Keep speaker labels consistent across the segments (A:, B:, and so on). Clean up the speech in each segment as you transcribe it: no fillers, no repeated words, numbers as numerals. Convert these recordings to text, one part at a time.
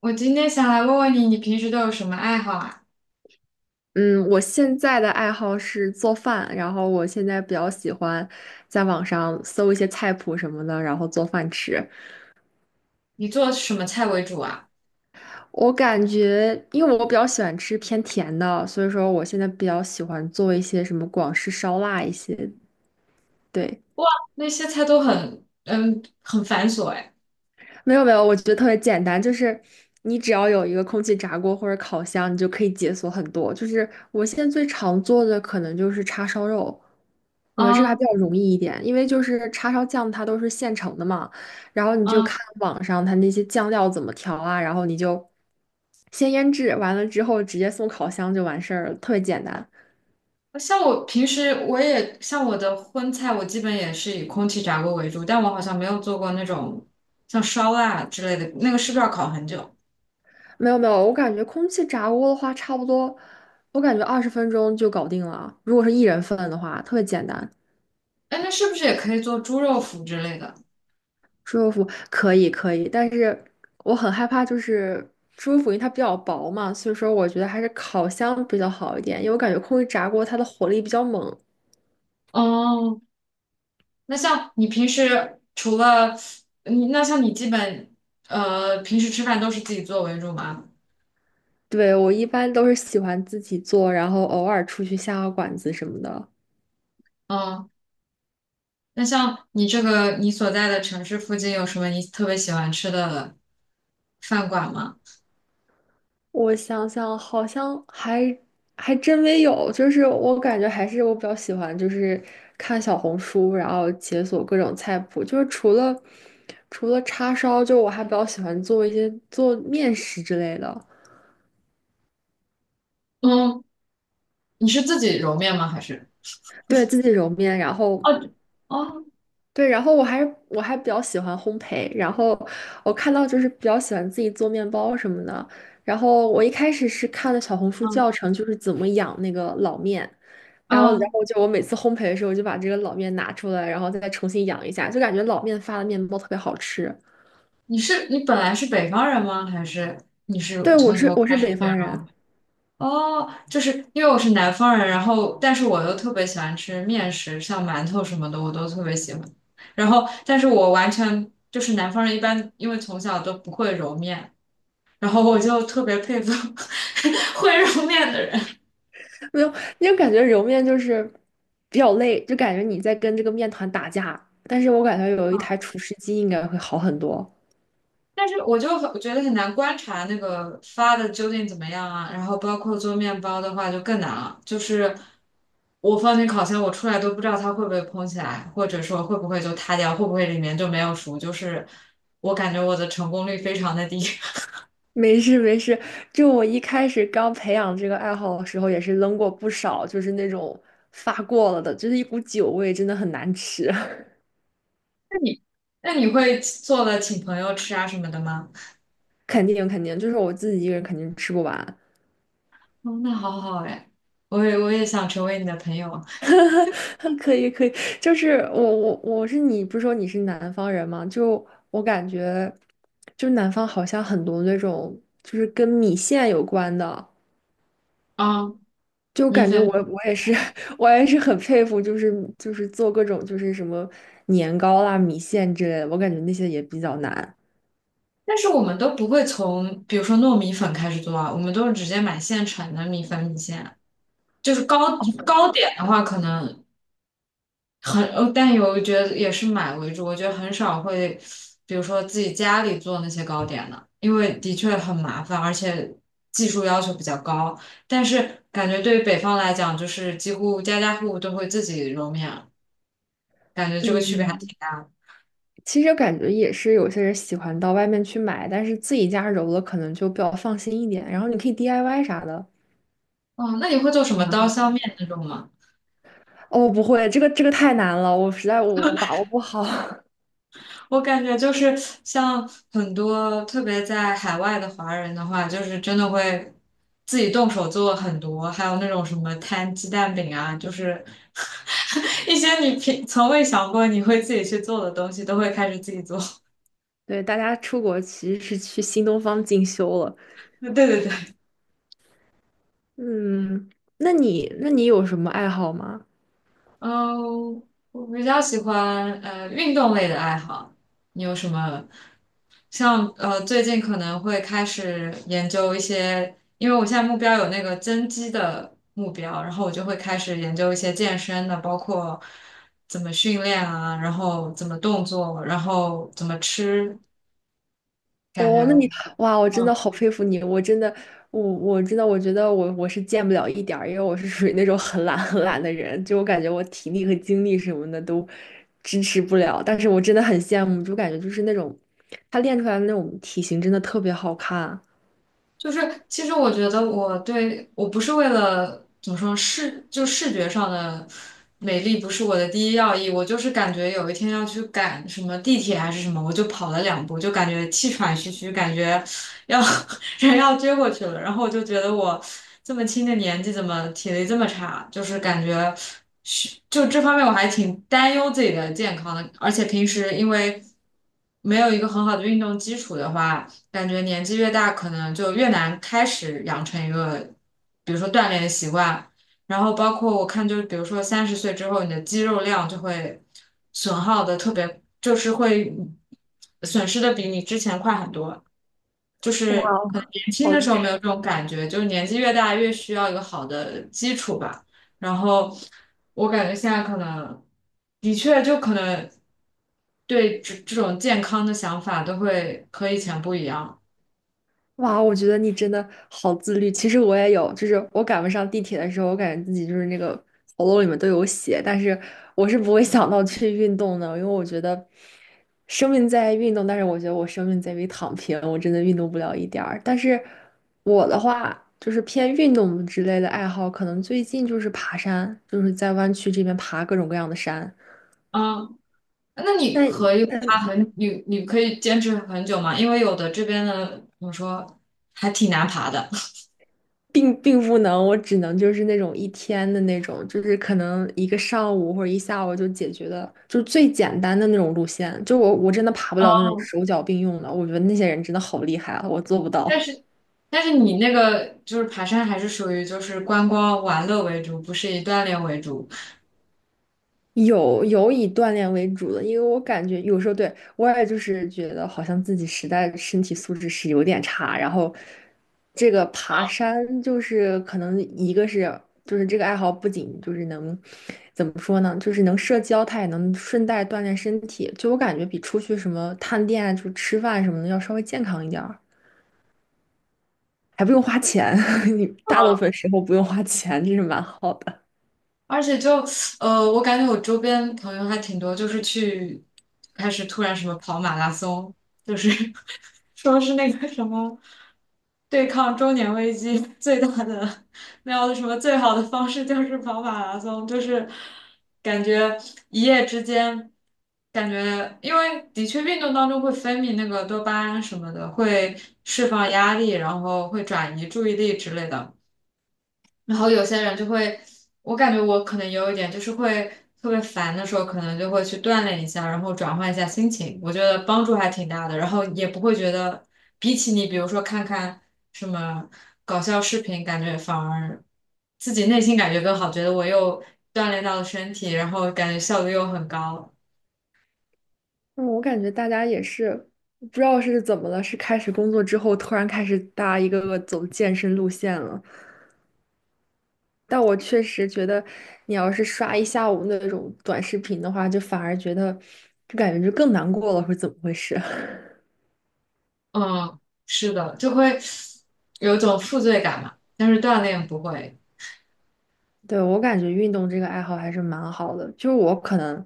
A: 我今天想来问问你，你平时都有什么爱好啊？
B: 嗯，我现在的爱好是做饭，然后我现在比较喜欢在网上搜一些菜谱什么的，然后做饭吃。
A: 你做什么菜为主啊？
B: 我感觉，因为我比较喜欢吃偏甜的，所以说我现在比较喜欢做一些什么广式烧腊一些。对，
A: 哇，那些菜都很，很繁琐哎。
B: 没有没有，我觉得特别简单，就是你只要有一个空气炸锅或者烤箱，你就可以解锁很多。就是我现在最常做的可能就是叉烧肉，我觉得这个还
A: 啊。
B: 比较容易一点，因为就是叉烧酱它都是现成的嘛，然后你就
A: 啊，
B: 看网上它那些酱料怎么调啊，然后你就先腌制，完了之后直接送烤箱就完事儿了，特别简单。
A: 像我平时我也像我的荤菜，我基本也是以空气炸锅为主，但我好像没有做过那种像烧腊之类的，那个是不是要烤很久？
B: 没有没有，我感觉空气炸锅的话，差不多，我感觉二十分钟就搞定了，如果是一人份的话，特别简单。
A: 哎，那是不是也可以做猪肉脯之类的？
B: 猪肉脯可以可以，但是我很害怕，就是猪肉脯因为它比较薄嘛，所以说我觉得还是烤箱比较好一点，因为我感觉空气炸锅它的火力比较猛。
A: 哦，那像你平时除了你，那像你基本呃平时吃饭都是自己做为主吗？
B: 对，我一般都是喜欢自己做，然后偶尔出去下个馆子什么的。
A: 嗯。那像你这个你所在的城市附近有什么你特别喜欢吃的饭馆吗？
B: 我想想，好像还真没有，就是我感觉还是我比较喜欢，就是看小红书，然后解锁各种菜谱，就是除了叉烧，就我还比较喜欢做一些做面食之类的。
A: 嗯，你是自己揉面吗？还是？
B: 对，自己揉面，然后
A: 哦。哦。
B: 对，然后我还比较喜欢烘焙，然后我看到就是比较喜欢自己做面包什么的，然后我一开始是看了小红书
A: 嗯。
B: 教程，就是怎么养那个老面，然后然
A: 嗯，
B: 后就我每次烘焙的时候，我就把这个老面拿出来，然后再重新养一下，就感觉老面发的面包特别好吃。
A: 你是你本来是北方人吗？还是你是
B: 对，我
A: 从
B: 是
A: 头
B: 我
A: 开
B: 是
A: 始
B: 北
A: 学
B: 方人，
A: 揉？哦，就是因为我是南方人，然后但是我又特别喜欢吃面食，像馒头什么的，我都特别喜欢。然后，但是我完全就是南方人，一般因为从小都不会揉面，然后我就特别佩服 会揉面的人，
B: 没有，因为感觉揉面就是比较累，就感觉你在跟这个面团打架，但是我感觉有一台厨师机应该会好很多。
A: 但是我就很我觉得很难观察那个发的究竟怎么样啊。然后包括做面包的话就更难了，就是我放进烤箱，我出来都不知道它会不会蓬起来，或者说会不会就塌掉，会不会里面就没有熟，就是我感觉我的成功率非常的低。
B: 没事没事，就我一开始刚培养这个爱好的时候，也是扔过不少，就是那种发过了的，就是一股酒味，真的很难吃。
A: 那你会做了请朋友吃啊什么的吗？
B: 肯定肯定，就是我自己一个人肯定吃不完。
A: 哦，那好好哎，我也想成为你的朋友啊。
B: 可以可以，就是我是你，不是说你是南方人吗？就我感觉，就南方好像很多那种就是跟米线有关的。
A: 嗯。
B: 就
A: 米
B: 感觉
A: 粉。
B: 我也是 我也是很佩服，就是做各种就是什么年糕啦、米线之类的，我感觉那些也比较难。
A: 但是我们都不会从，比如说糯米粉开始做啊，我们都是直接买现成的米粉米线。就是糕点的话，可能很，呃但有我觉得也是买为主。我觉得很少会，比如说自己家里做那些糕点的，因为的确很麻烦，而且技术要求比较高。但是感觉对于北方来讲，就是几乎家家户户都会自己揉面，感觉这个区别还
B: 嗯，
A: 挺大的。
B: 其实感觉也是有些人喜欢到外面去买，但是自己家揉了可能就比较放心一点，然后你可以 DIY 啥的，
A: 哦，那你会做什么
B: 蛮
A: 刀
B: 好
A: 削
B: 的。
A: 面那种吗？
B: 哦，不会，这个这个太难了，我实在我把握不好。
A: 我感觉就是像很多特别在海外的华人的话，就是真的会自己动手做很多，还有那种什么摊鸡蛋饼啊，就是 一些你平从未想过你会自己去做的东西，都会开始自己做。
B: 对，大家出国其实是去新东方进修了。
A: 对对对。
B: 嗯，那你有什么爱好吗？
A: 嗯，我比较喜欢运动类的爱好。你有什么？像最近可能会开始研究一些，因为我现在目标有那个增肌的目标，然后我就会开始研究一些健身的，包括怎么训练啊，然后怎么动作，然后怎么吃，感
B: 哦，那你
A: 觉。
B: 哇，我真的
A: 嗯。
B: 好佩服你！我真的，我真的，我觉得我是见不了一点儿，因为我是属于那种很懒很懒的人，就我感觉我体力和精力什么的都支持不了。但是我真的很羡慕，就感觉就是那种他练出来的那种体型真的特别好看，
A: 就是其实我觉得我不是为了怎么说视觉上的美丽不是我的第一要义，我就是感觉有一天要去赶什么地铁还是什么，我就跑了两步，就感觉气喘吁吁，感觉要 人要撅过去了，然后我就觉得我这么轻的年纪怎么体力这么差，就是感觉这方面我还挺担忧自己的健康的，而且平时因为没有一个很好的运动基础的话。感觉年纪越大，可能就越难开始养成一个，比如说锻炼的习惯。然后包括我看，就是比如说三十岁之后，你的肌肉量就会损耗的特别，就是会损失的比你之前快很多。就
B: 哇，
A: 是可能年轻
B: 好
A: 的时
B: 厉
A: 候没有这种感觉，就是年纪越大越需要一个好的基础吧。然后我感觉现在可能的确就可能对这种健康的想法都会和以前不一样了。
B: 哇，我觉得你真的好自律。其实我也有，就是我赶不上地铁的时候，我感觉自己就是那个喉咙里面都有血，但是我是不会想到去运动的，因为我觉得生命在于运动，但是我觉得我生命在于躺平，我真的运动不了一点儿。但是我的话，就是偏运动之类的爱好，可能最近就是爬山，就是在湾区这边爬各种各样的山。
A: 嗯，那你可
B: 那。
A: 以爬很，你你可以坚持很久吗？因为有的这边的怎么说，还挺难爬的。
B: 并不能，我只能就是那种一天的那种，就是可能一个上午或者一下午就解决的，就是最简单的那种路线。就我真的爬不了那种手脚并用的，我觉得那些人真的好厉害啊，我做不到。
A: 但是但是你那个就是爬山还是属于就是观光玩乐为主，不是以锻炼为主。
B: 有以锻炼为主的，因为我感觉有时候对我也就是觉得好像自己实在身体素质是有点差，然后这个爬山就是可能一个是就是这个爱好不仅就是能怎么说呢，就是能社交，它也能顺带锻炼身体，就我感觉比出去什么探店啊，就吃饭什么的要稍微健康一点儿，还不用花钱，你大部分时候不用花钱，这是蛮好的。
A: 而且就我感觉我周边朋友还挺多，就是去开始突然什么跑马拉松，就是 说是那个什么对抗中年危机 最大的那样的什么最好的方式就是跑马拉松，就是感觉一夜之间，感觉因为的确运动当中会分泌那个多巴胺什么的，会释放压力，然后会转移注意力之类的。然后有些人就会，我感觉我可能有一点，就是会特别烦的时候，可能就会去锻炼一下，然后转换一下心情，我觉得帮助还挺大的。然后也不会觉得，比起你比如说看看什么搞笑视频，感觉反而自己内心感觉更好，觉得我又锻炼到了身体，然后感觉效率又很高。
B: 嗯，我感觉大家也是不知道是怎么了，是开始工作之后突然开始大家一个个走健身路线了。但我确实觉得，你要是刷一下午那种短视频的话，就反而觉得就感觉就更难过了，是怎么回事？
A: 嗯，是的，就会有一种负罪感嘛，但是锻炼不会。
B: 对，我感觉运动这个爱好还是蛮好的，就是我可能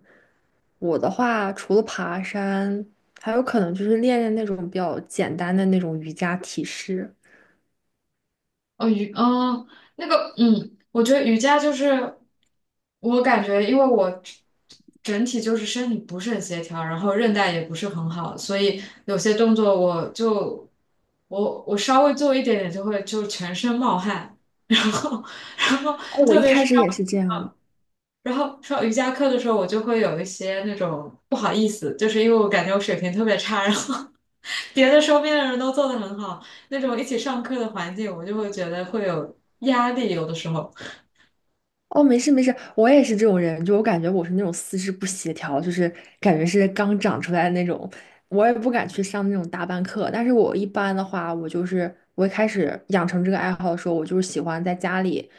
B: 我的话，除了爬山，还有可能就是练练那种比较简单的那种瑜伽体式。
A: 哦，瑜，嗯，那个，嗯，我觉得瑜伽就是，我感觉，因为我整体就是身体不是很协调，然后韧带也不是很好，所以有些动作我就，我稍微做一点点就会就全身冒汗，然后。然后
B: 哦，我
A: 特
B: 一
A: 别
B: 开
A: 是
B: 始也
A: 上，
B: 是这样。
A: 然后上瑜伽课的时候，我就会有一些那种不好意思，就是因为我感觉我水平特别差，然后别的周边的人都做得很好，那种一起上课的环境，我就会觉得会有压力，有的时候。
B: 哦，没事没事，我也是这种人，就我感觉我是那种四肢不协调，就是感觉是刚长出来的那种，我也不敢去上那种大班课。但是我一般的话，我就是我一开始养成这个爱好的时候，我就是喜欢在家里，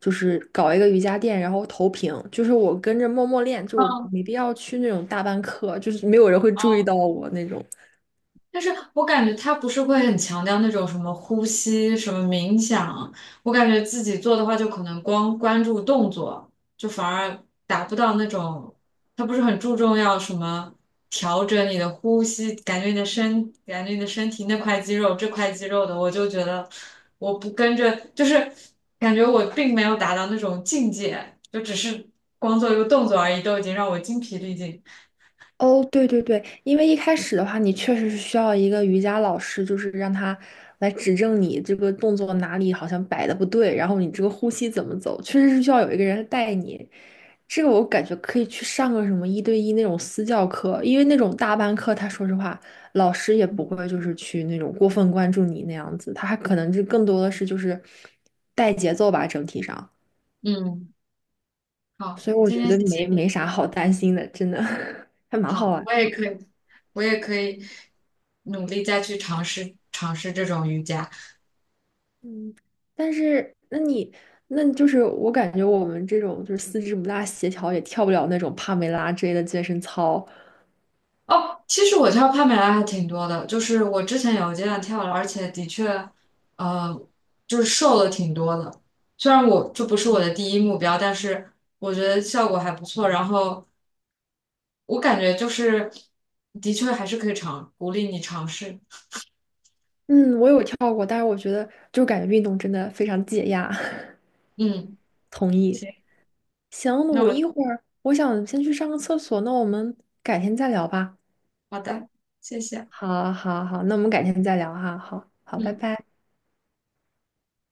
B: 就是搞一个瑜伽垫，然后投屏，就是我跟着默默练，就我
A: 嗯。
B: 没必要去那种大班课，就是没有人会注意到我那种。
A: 但是我感觉他不是会很强调那种什么呼吸、什么冥想，我感觉自己做的话，就可能光关注动作，就反而达不到那种，他不是很注重要什么调整你的呼吸，感觉你的身，感觉你的身体那块肌肉、这块肌肉的，我就觉得我不跟着，就是感觉我并没有达到那种境界，就只是光做一个动作而已，都已经让我精疲力尽。
B: 哦，对对对，因为一开始的话，你确实是需要一个瑜伽老师，就是让他来指正你这个动作哪里好像摆的不对，然后你这个呼吸怎么走，确实是需要有一个人带你。这个我感觉可以去上个什么一对一那种私教课，因为那种大班课，他说实话，老师也不会就是去那种过分关注你那样子，他还可能就更多的是就是带节奏吧，整体上。
A: 嗯，好，
B: 所以我
A: 今
B: 觉
A: 天谢
B: 得
A: 谢
B: 没
A: 你。
B: 没啥好担心的，真的 还蛮好
A: 好，
B: 玩。
A: 我也可以努力再去尝试尝试这种瑜伽。
B: 嗯，但是那你那就是我感觉我们这种就是四肢不大协调，也跳不了那种帕梅拉之类的健身操。
A: 哦，其实我跳帕梅拉还挺多的，就是我之前有一阶段跳了，而且的确，呃，就是瘦了挺多的。虽然我这不是我的第一目标，但是我觉得效果还不错。然后我感觉就是，的确还是可以尝，鼓励你尝试。
B: 嗯，我有跳过，但是我觉得就感觉运动真的非常解压。
A: 嗯，
B: 同意。
A: 行，
B: 行，
A: 那
B: 我
A: 我
B: 一会儿我想先去上个厕所，那我们改天再聊吧。
A: 好的，谢谢。
B: 好，好，好，那我们改天再聊哈。好，好，拜
A: 嗯。
B: 拜。